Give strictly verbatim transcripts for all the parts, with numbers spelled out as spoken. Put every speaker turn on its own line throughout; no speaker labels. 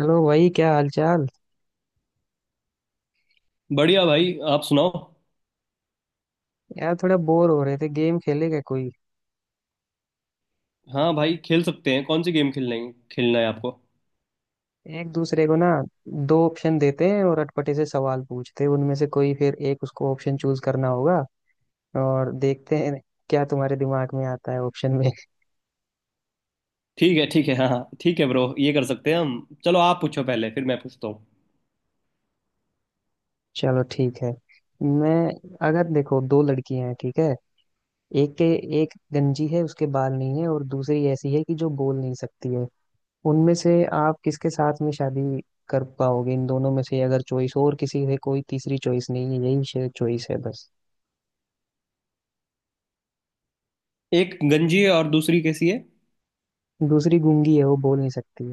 Hello भाई, क्या हाल चाल।
बढ़िया भाई, आप सुनाओ।
यार थोड़ा बोर हो रहे थे, गेम खेलेगा कोई?
हाँ भाई, खेल सकते हैं। कौन सी गेम खेलना है खेलना है आपको?
एक दूसरे को ना दो ऑप्शन देते हैं और अटपटे से सवाल पूछते हैं, उनमें से कोई फिर एक उसको ऑप्शन चूज करना होगा और देखते हैं क्या तुम्हारे दिमाग में आता है ऑप्शन में।
ठीक है, ठीक है, हाँ हाँ, ठीक है ब्रो, ये कर सकते हैं हम। चलो, आप पूछो पहले, फिर मैं पूछता हूँ।
चलो ठीक है। मैं, अगर देखो दो लड़कियां हैं, ठीक है, एक के, एक गंजी है उसके बाल नहीं है और दूसरी ऐसी है कि जो बोल नहीं सकती है। उनमें से आप किसके साथ में शादी कर पाओगे? इन दोनों में से, अगर चॉइस, और किसी से कोई तीसरी चॉइस नहीं है, यही चॉइस है बस।
एक गंजी है और दूसरी कैसी है?
दूसरी गूंगी है, वो बोल नहीं सकती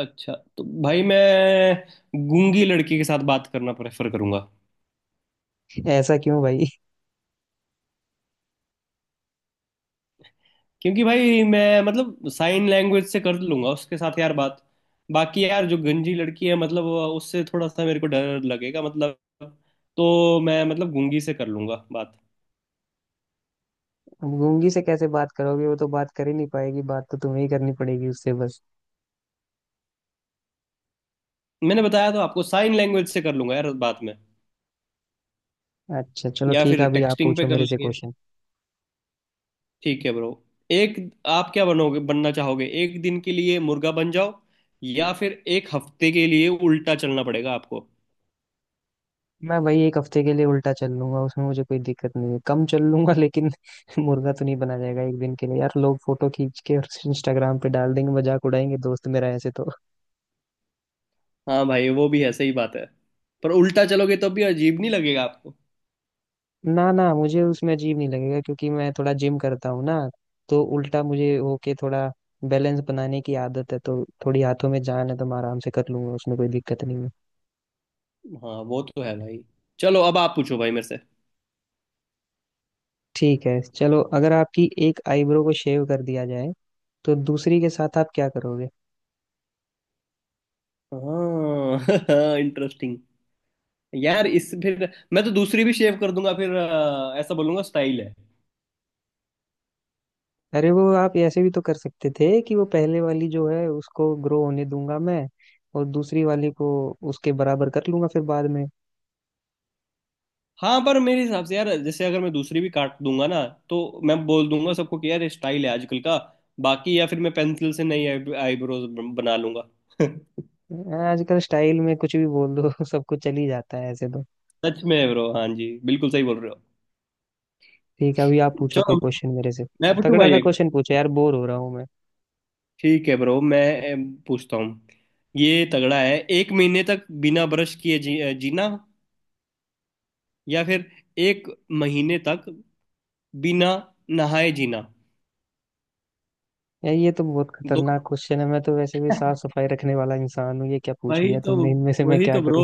अच्छा, तो भाई मैं गूंगी लड़की के साथ बात करना प्रेफर करूंगा।
है। ऐसा क्यों भाई?
क्योंकि भाई मैं मतलब साइन लैंग्वेज से कर लूंगा उसके साथ यार बात। बाकी यार जो गंजी लड़की है, मतलब वो- उससे थोड़ा सा मेरे को डर लगेगा मतलब। तो मैं मतलब गूंगी से कर लूंगा बात।
अब गूंगी से कैसे बात करोगे, वो तो बात कर ही नहीं पाएगी, बात तो तुम्हें ही करनी पड़ेगी उससे बस।
मैंने बताया तो आपको, साइन लैंग्वेज से कर लूंगा यार बाद में।
अच्छा चलो
या
ठीक है,
फिर
अभी आप
टेक्सटिंग पे
पूछो
कर
मेरे से
लेंगे।
क्वेश्चन।
ठीक है ब्रो। एक, आप क्या बनोगे? बनना चाहोगे एक दिन के लिए मुर्गा बन जाओ, या फिर एक हफ्ते के लिए उल्टा चलना पड़ेगा आपको?
मैं भाई एक हफ्ते के लिए उल्टा चल लूंगा, उसमें मुझे कोई दिक्कत नहीं है, कम चल लूंगा लेकिन मुर्गा तो नहीं बना जाएगा एक दिन के लिए। यार लोग फोटो खींच के और इंस्टाग्राम पे डाल देंगे, मजाक उड़ाएंगे दोस्त मेरा ऐसे तो।
हाँ भाई, वो भी है, सही बात है। पर उल्टा चलोगे तो भी अजीब नहीं लगेगा आपको?
ना ना, मुझे उसमें अजीब नहीं लगेगा क्योंकि मैं थोड़ा जिम करता हूँ ना, तो उल्टा मुझे वो के थोड़ा बैलेंस बनाने की आदत है, तो थोड़ी हाथों में जान है, तो मैं आराम से कर लूंगा, उसमें कोई दिक्कत नहीं है।
हाँ, वो तो है भाई। चलो, अब आप पूछो भाई मेरे से।
ठीक है चलो, अगर आपकी एक आईब्रो को शेव कर दिया जाए तो दूसरी के साथ आप क्या करोगे?
हाँ इंटरेस्टिंग। यार इस, फिर मैं तो दूसरी भी शेव कर दूंगा। फिर अ, ऐसा बोलूंगा स्टाइल है।
अरे वो आप ऐसे भी तो कर सकते थे कि वो पहले वाली जो है उसको ग्रो होने दूंगा मैं, और दूसरी वाली को उसके बराबर कर लूंगा फिर बाद में।
हाँ, पर मेरे हिसाब से यार, जैसे अगर मैं दूसरी भी काट दूंगा ना, तो मैं बोल दूंगा सबको कि यार ये स्टाइल है आजकल का। बाकी या फिर मैं पेंसिल से नई आईब्रोज बना लूंगा।
आजकल स्टाइल में कुछ भी बोल दो सब कुछ चल ही जाता है ऐसे तो।
सच में ब्रो, हाँ जी, बिल्कुल सही बोल रहे हो।
ठीक है अभी आप पूछो कोई
चलो
क्वेश्चन मेरे से,
मैं पूछूं
तगड़ा
भाई
सा
एक।
क्वेश्चन पूछो यार, बोर हो रहा हूँ मैं।
ठीक है ब्रो, मैं अम, पूछता हूँ। ये तगड़ा है। एक महीने तक बिना ब्रश किए जी, अ, जीना, या फिर एक महीने तक बिना नहाए जीना?
यार ये तो बहुत
दो
खतरनाक क्वेश्चन है, मैं तो वैसे भी साफ सफाई रखने वाला इंसान हूँ, ये क्या पूछ
वही
लिया
तो,
तुमने, इनमें से मैं
वही
क्या
तो ब्रो।
करूँ।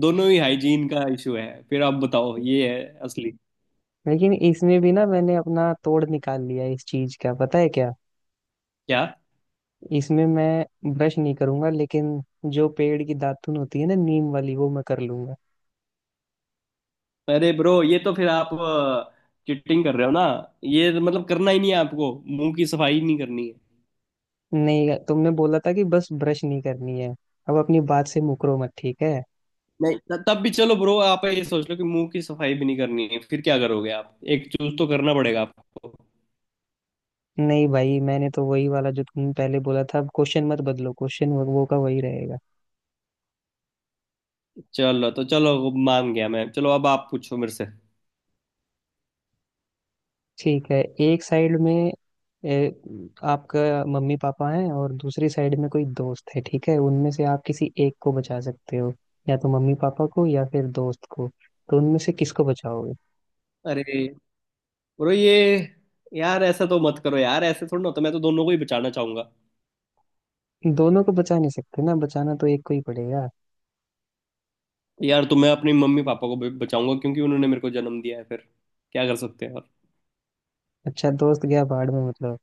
दोनों ही हाइजीन का इशू है। फिर आप बताओ, ये है असली।
लेकिन इसमें भी ना मैंने अपना तोड़ निकाल लिया है इस चीज का, पता है क्या?
क्या?
इसमें मैं ब्रश नहीं करूंगा लेकिन जो पेड़ की दातुन होती है ना, नीम वाली, वो मैं कर लूंगा।
अरे ब्रो, ये तो फिर आप चिटिंग कर रहे हो ना। ये तो मतलब करना ही नहीं है आपको। मुंह की सफाई नहीं करनी है।
नहीं, तुमने बोला था कि बस ब्रश नहीं करनी है, अब अपनी बात से मुकरो मत ठीक है।
नहीं, त- तब भी चलो ब्रो, आप ये सोच लो कि मुंह की सफाई भी नहीं करनी है, फिर क्या करोगे आप? एक चूज तो करना पड़ेगा आपको।
नहीं भाई, मैंने तो वही वाला जो तुम पहले बोला था, अब क्वेश्चन मत बदलो, क्वेश्चन वो का वही रहेगा।
चलो तो, चलो मान गया मैं। चलो अब आप पूछो मेरे से।
ठीक है, एक साइड में ए, आपका मम्मी पापा हैं और दूसरी साइड में कोई दोस्त है, ठीक है, उनमें से आप किसी एक को बचा सकते हो, या तो मम्मी पापा को या फिर दोस्त को, तो उनमें से किसको बचाओगे?
अरे ब्रो ये यार ऐसा तो मत करो यार, ऐसे थोड़ा ना होता। मैं तो दोनों को ही बचाना चाहूंगा।
दोनों को बचा नहीं सकते ना, बचाना तो एक को ही पड़ेगा।
यार, तो मैं अपनी मम्मी पापा को भी बचाऊंगा क्योंकि उन्होंने मेरे को जन्म दिया है। फिर क्या कर सकते हैं और?
अच्छा दोस्त गया बाढ़ में मतलब।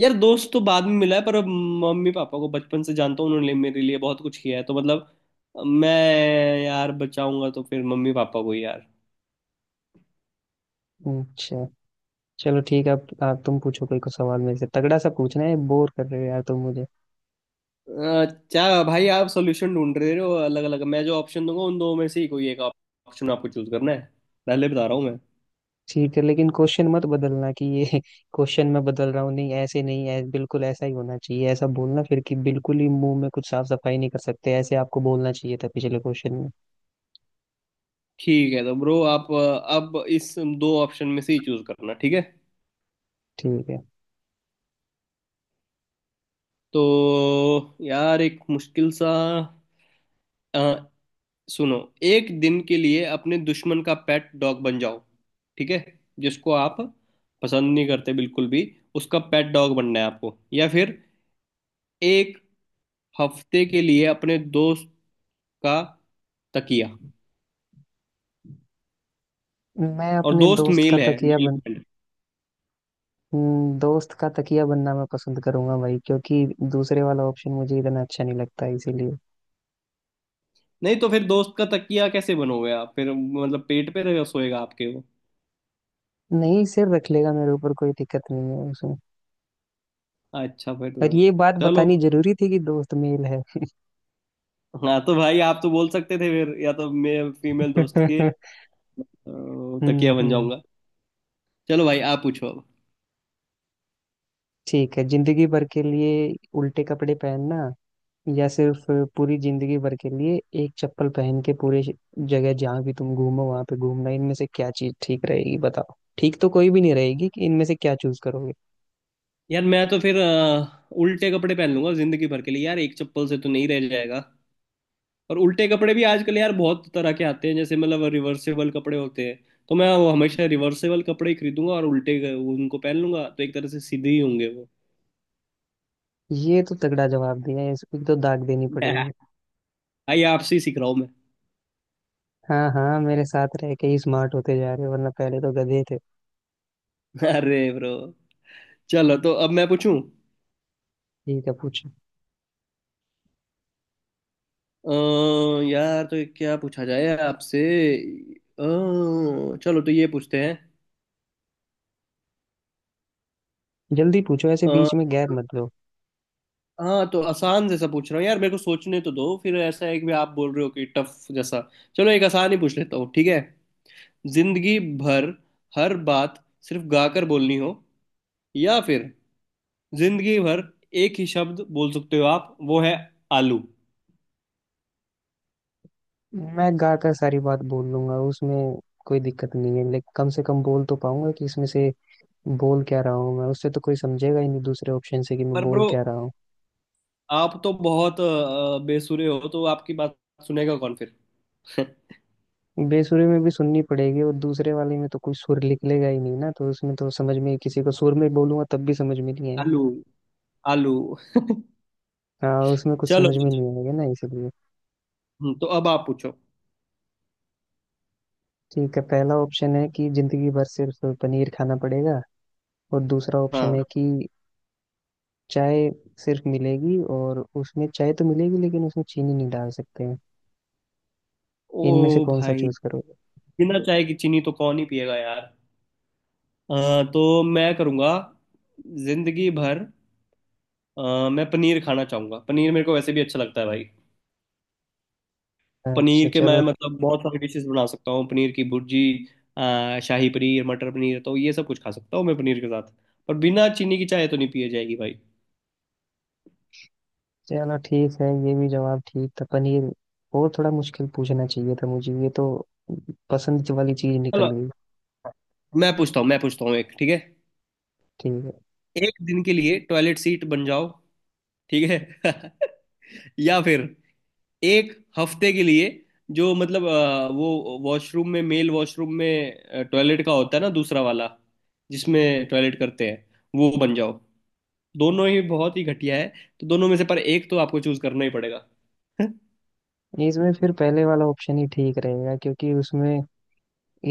यार दोस्त तो बाद में मिला है, पर अब मम्मी पापा को बचपन से जानता हूँ। उन्होंने मेरे लिए बहुत कुछ किया है, तो मतलब मैं यार बचाऊंगा तो फिर मम्मी पापा को ही यार।
अच्छा चलो ठीक है, आप, आप तुम पूछो कोई को सवाल मेरे से, तगड़ा सा पूछना है, बोर कर रहे हो यार तुम मुझे।
अच्छा भाई, आप सोल्यूशन ढूंढ रहे हो अलग अलग। मैं जो ऑप्शन दूंगा उन दो में से ही कोई एक ऑप्शन आपको चूज करना है। पहले बता रहा हूँ मैं।
ठीक है, लेकिन क्वेश्चन मत बदलना कि ये क्वेश्चन मैं बदल रहा हूँ, नहीं ऐसे नहीं, ऐ, बिल्कुल ऐसा ही होना चाहिए, ऐसा बोलना फिर कि बिल्कुल ही मुंह में कुछ साफ सफाई नहीं कर सकते, ऐसे आपको बोलना चाहिए था पिछले क्वेश्चन में।
ठीक है, तो ब्रो आप अ, अब इस दो ऑप्शन में से ही चूज करना, ठीक है।
ठीक है,
तो यार एक मुश्किल सा, अ, सुनो। एक दिन के लिए अपने दुश्मन का पेट डॉग बन जाओ, ठीक है, जिसको आप पसंद नहीं करते बिल्कुल भी, उसका पेट डॉग बनना है आपको, या फिर एक हफ्ते के लिए अपने दोस्त का तकिया।
मैं
और
अपने
दोस्त
दोस्त का
मेल है,
तकिया
मेल
बन,
फ्रेंड।
हम्म, दोस्त का तकिया बनना मैं पसंद करूंगा भाई, क्योंकि दूसरे वाला ऑप्शन मुझे इतना अच्छा नहीं लगता इसीलिए।
नहीं, तो फिर दोस्त का तकिया कैसे बनोगे आप? फिर मतलब पेट पे रहेगा, सोएगा आपके वो।
नहीं, सिर रख लेगा मेरे ऊपर, कोई दिक्कत नहीं है उसमें।
अच्छा, फिर
और
तो
ये बात
चलो।
बतानी जरूरी थी कि दोस्त मेल है।
हाँ तो भाई, आप तो बोल सकते थे फिर, या तो मैं फीमेल दोस्त के अ,
हम्म,
तकिया बन
हम्म।
जाऊंगा। चलो भाई, आप पूछो अब।
ठीक है, जिंदगी भर के लिए उल्टे कपड़े पहनना या सिर्फ पूरी जिंदगी भर के लिए एक चप्पल पहन के पूरे जगह जहां भी तुम घूमो वहां पे घूमना, इनमें से क्या चीज ठीक रहेगी बताओ? ठीक तो कोई भी नहीं रहेगी, कि इनमें से क्या चूज करोगे?
यार मैं तो फिर अ, उल्टे कपड़े पहन लूंगा जिंदगी भर के लिए। यार एक चप्पल से तो नहीं रह जाएगा। और उल्टे कपड़े भी आजकल यार बहुत तरह के आते हैं, जैसे मतलब रिवर्सेबल कपड़े होते हैं। तो मैं वो हमेशा रिवर्सेबल कपड़े ही खरीदूंगा और उल्टे क- उनको पहन लूंगा, तो एक तरह से सीधे ही होंगे वो।
ये तो तगड़ा जवाब दिया है, इसको तो दाग देनी पड़ेगी।
आइए, आपसे ही सीख रहा हूँ।
हाँ हाँ, मेरे साथ रह के ही स्मार्ट होते जा रहे हो, वरना पहले तो गधे थे।
मैं अरे ब्रो। चलो तो अब मैं पूछूं।
ठीक है पूछो।
अ, यार तो क्या पूछा जाए आपसे? अ, चलो तो ये पूछते
जल्दी पूछो, ऐसे
हैं।
बीच में गैप मत लो।
हाँ, तो आसान जैसा पूछ रहा हूँ यार, मेरे को सोचने तो दो फिर। ऐसा है कि आप बोल रहे हो कि टफ जैसा। चलो एक आसान ही पूछ लेता हूँ, ठीक है। जिंदगी भर हर बात सिर्फ गाकर बोलनी हो, या फिर जिंदगी भर एक ही शब्द बोल सकते हो आप, वो है आलू।
मैं गा कर सारी बात बोल लूंगा, उसमें कोई दिक्कत नहीं है, लेकिन कम से कम बोल तो पाऊंगा कि इसमें से बोल क्या रहा हूँ मैं, उससे तो कोई समझेगा ही नहीं दूसरे ऑप्शन से कि मैं
पर
बोल
ब्रो,
क्या रहा हूँ।
आप तो बहुत अ, बेसुरे हो, तो आपकी बात सुनेगा कौन फिर?
बेसुरे में भी सुननी पड़ेगी, और दूसरे वाले में तो कोई सुर निकलेगा ही नहीं ना, तो उसमें तो समझ में, किसी को सुर में बोलूंगा तब भी समझ में नहीं आएगा।
आलू, आलू।
हाँ, उसमें कुछ
चलो।
समझ में नहीं आएगा ना, इसलिए।
हम्म, तो अब आप पूछो।
ठीक है, पहला ऑप्शन है कि जिंदगी भर सिर्फ पनीर खाना पड़ेगा, और दूसरा ऑप्शन
हाँ।
है कि चाय सिर्फ मिलेगी, और उसमें चाय तो मिलेगी लेकिन उसमें चीनी नहीं डाल सकते हैं।
ओ
इनमें से कौन सा
भाई,
चूज करोगे?
बिना चाय की चीनी तो कौन ही पिएगा यार। अ, तो मैं करूँगा जिंदगी भर, अ, मैं पनीर खाना चाहूँगा। पनीर मेरे को वैसे भी अच्छा लगता है भाई। पनीर
अच्छा
के मैं
चलो।
मतलब बहुत सारी डिशेस बना सकता हूँ, पनीर की भुर्जी, अ, शाही पनीर, मटर पनीर, तो ये सब कुछ खा सकता हूँ मैं पनीर के साथ। पर बिना चीनी की चाय तो नहीं पिए जाएगी भाई।
चलो ठीक है, ये भी जवाब ठीक था, पनीर। और थोड़ा मुश्किल पूछना चाहिए था मुझे, ये तो पसंद वाली चीज
चलो
निकल गई।
मैं पूछता हूँ मैं पूछता हूँ एक, ठीक है।
ठीक
एक दिन के लिए टॉयलेट सीट बन जाओ, ठीक है, या फिर एक हफ्ते के लिए जो मतलब अ, वो वॉशरूम में, मेल वॉशरूम में टॉयलेट का होता है ना दूसरा वाला, जिसमें टॉयलेट करते हैं, वो बन जाओ। दोनों ही बहुत ही घटिया है, तो दोनों में से पर एक तो आपको चूज करना ही पड़ेगा।
है, इसमें फिर पहले वाला ऑप्शन ही ठीक रहेगा, क्योंकि उसमें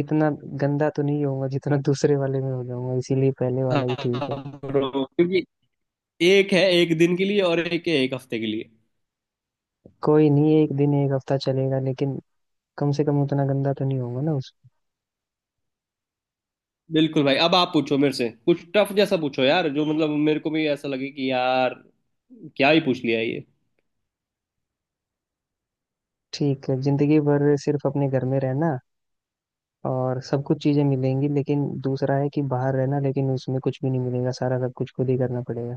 इतना गंदा तो नहीं होगा जितना दूसरे वाले में हो जाऊंगा, इसीलिए पहले वाला
हाँ
ही ठीक है।
bro, क्योंकि एक है एक दिन के लिए और एक है एक हफ्ते के लिए।
कोई नहीं, एक दिन एक हफ्ता चलेगा, लेकिन कम से कम उतना गंदा तो नहीं होगा ना उस।
बिल्कुल भाई, अब आप पूछो मेरे से कुछ टफ जैसा पूछो यार, जो मतलब मेरे को भी ऐसा लगे कि यार क्या ही पूछ लिया ये।
ठीक है, जिंदगी भर सिर्फ अपने घर में रहना और सब कुछ चीजें मिलेंगी, लेकिन दूसरा है कि बाहर रहना लेकिन उसमें कुछ भी नहीं मिलेगा, सारा सब कुछ खुद ही करना पड़ेगा।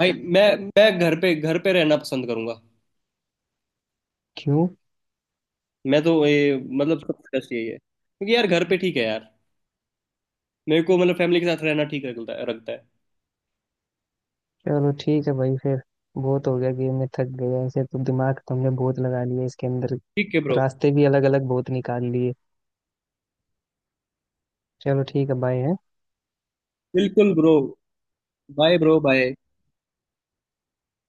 भाई मैं मैं घर पे घर पे रहना पसंद करूंगा।
क्यों?
मैं तो ये मतलब सबसे बेस्ट यही है, क्योंकि यार घर पे ठीक है यार, मेरे को मतलब फैमिली के साथ रहना ठीक लगता है, रखता है।
चलो ठीक है भाई फिर, बहुत हो गया गेम में, थक गया ऐसे तो, दिमाग तुमने बहुत लगा लिया इसके अंदर,
ठीक है ब्रो।
रास्ते भी अलग अलग बहुत निकाल लिए। चलो ठीक है, बाय।
बिल्कुल ब्रो। Bye bro, bye.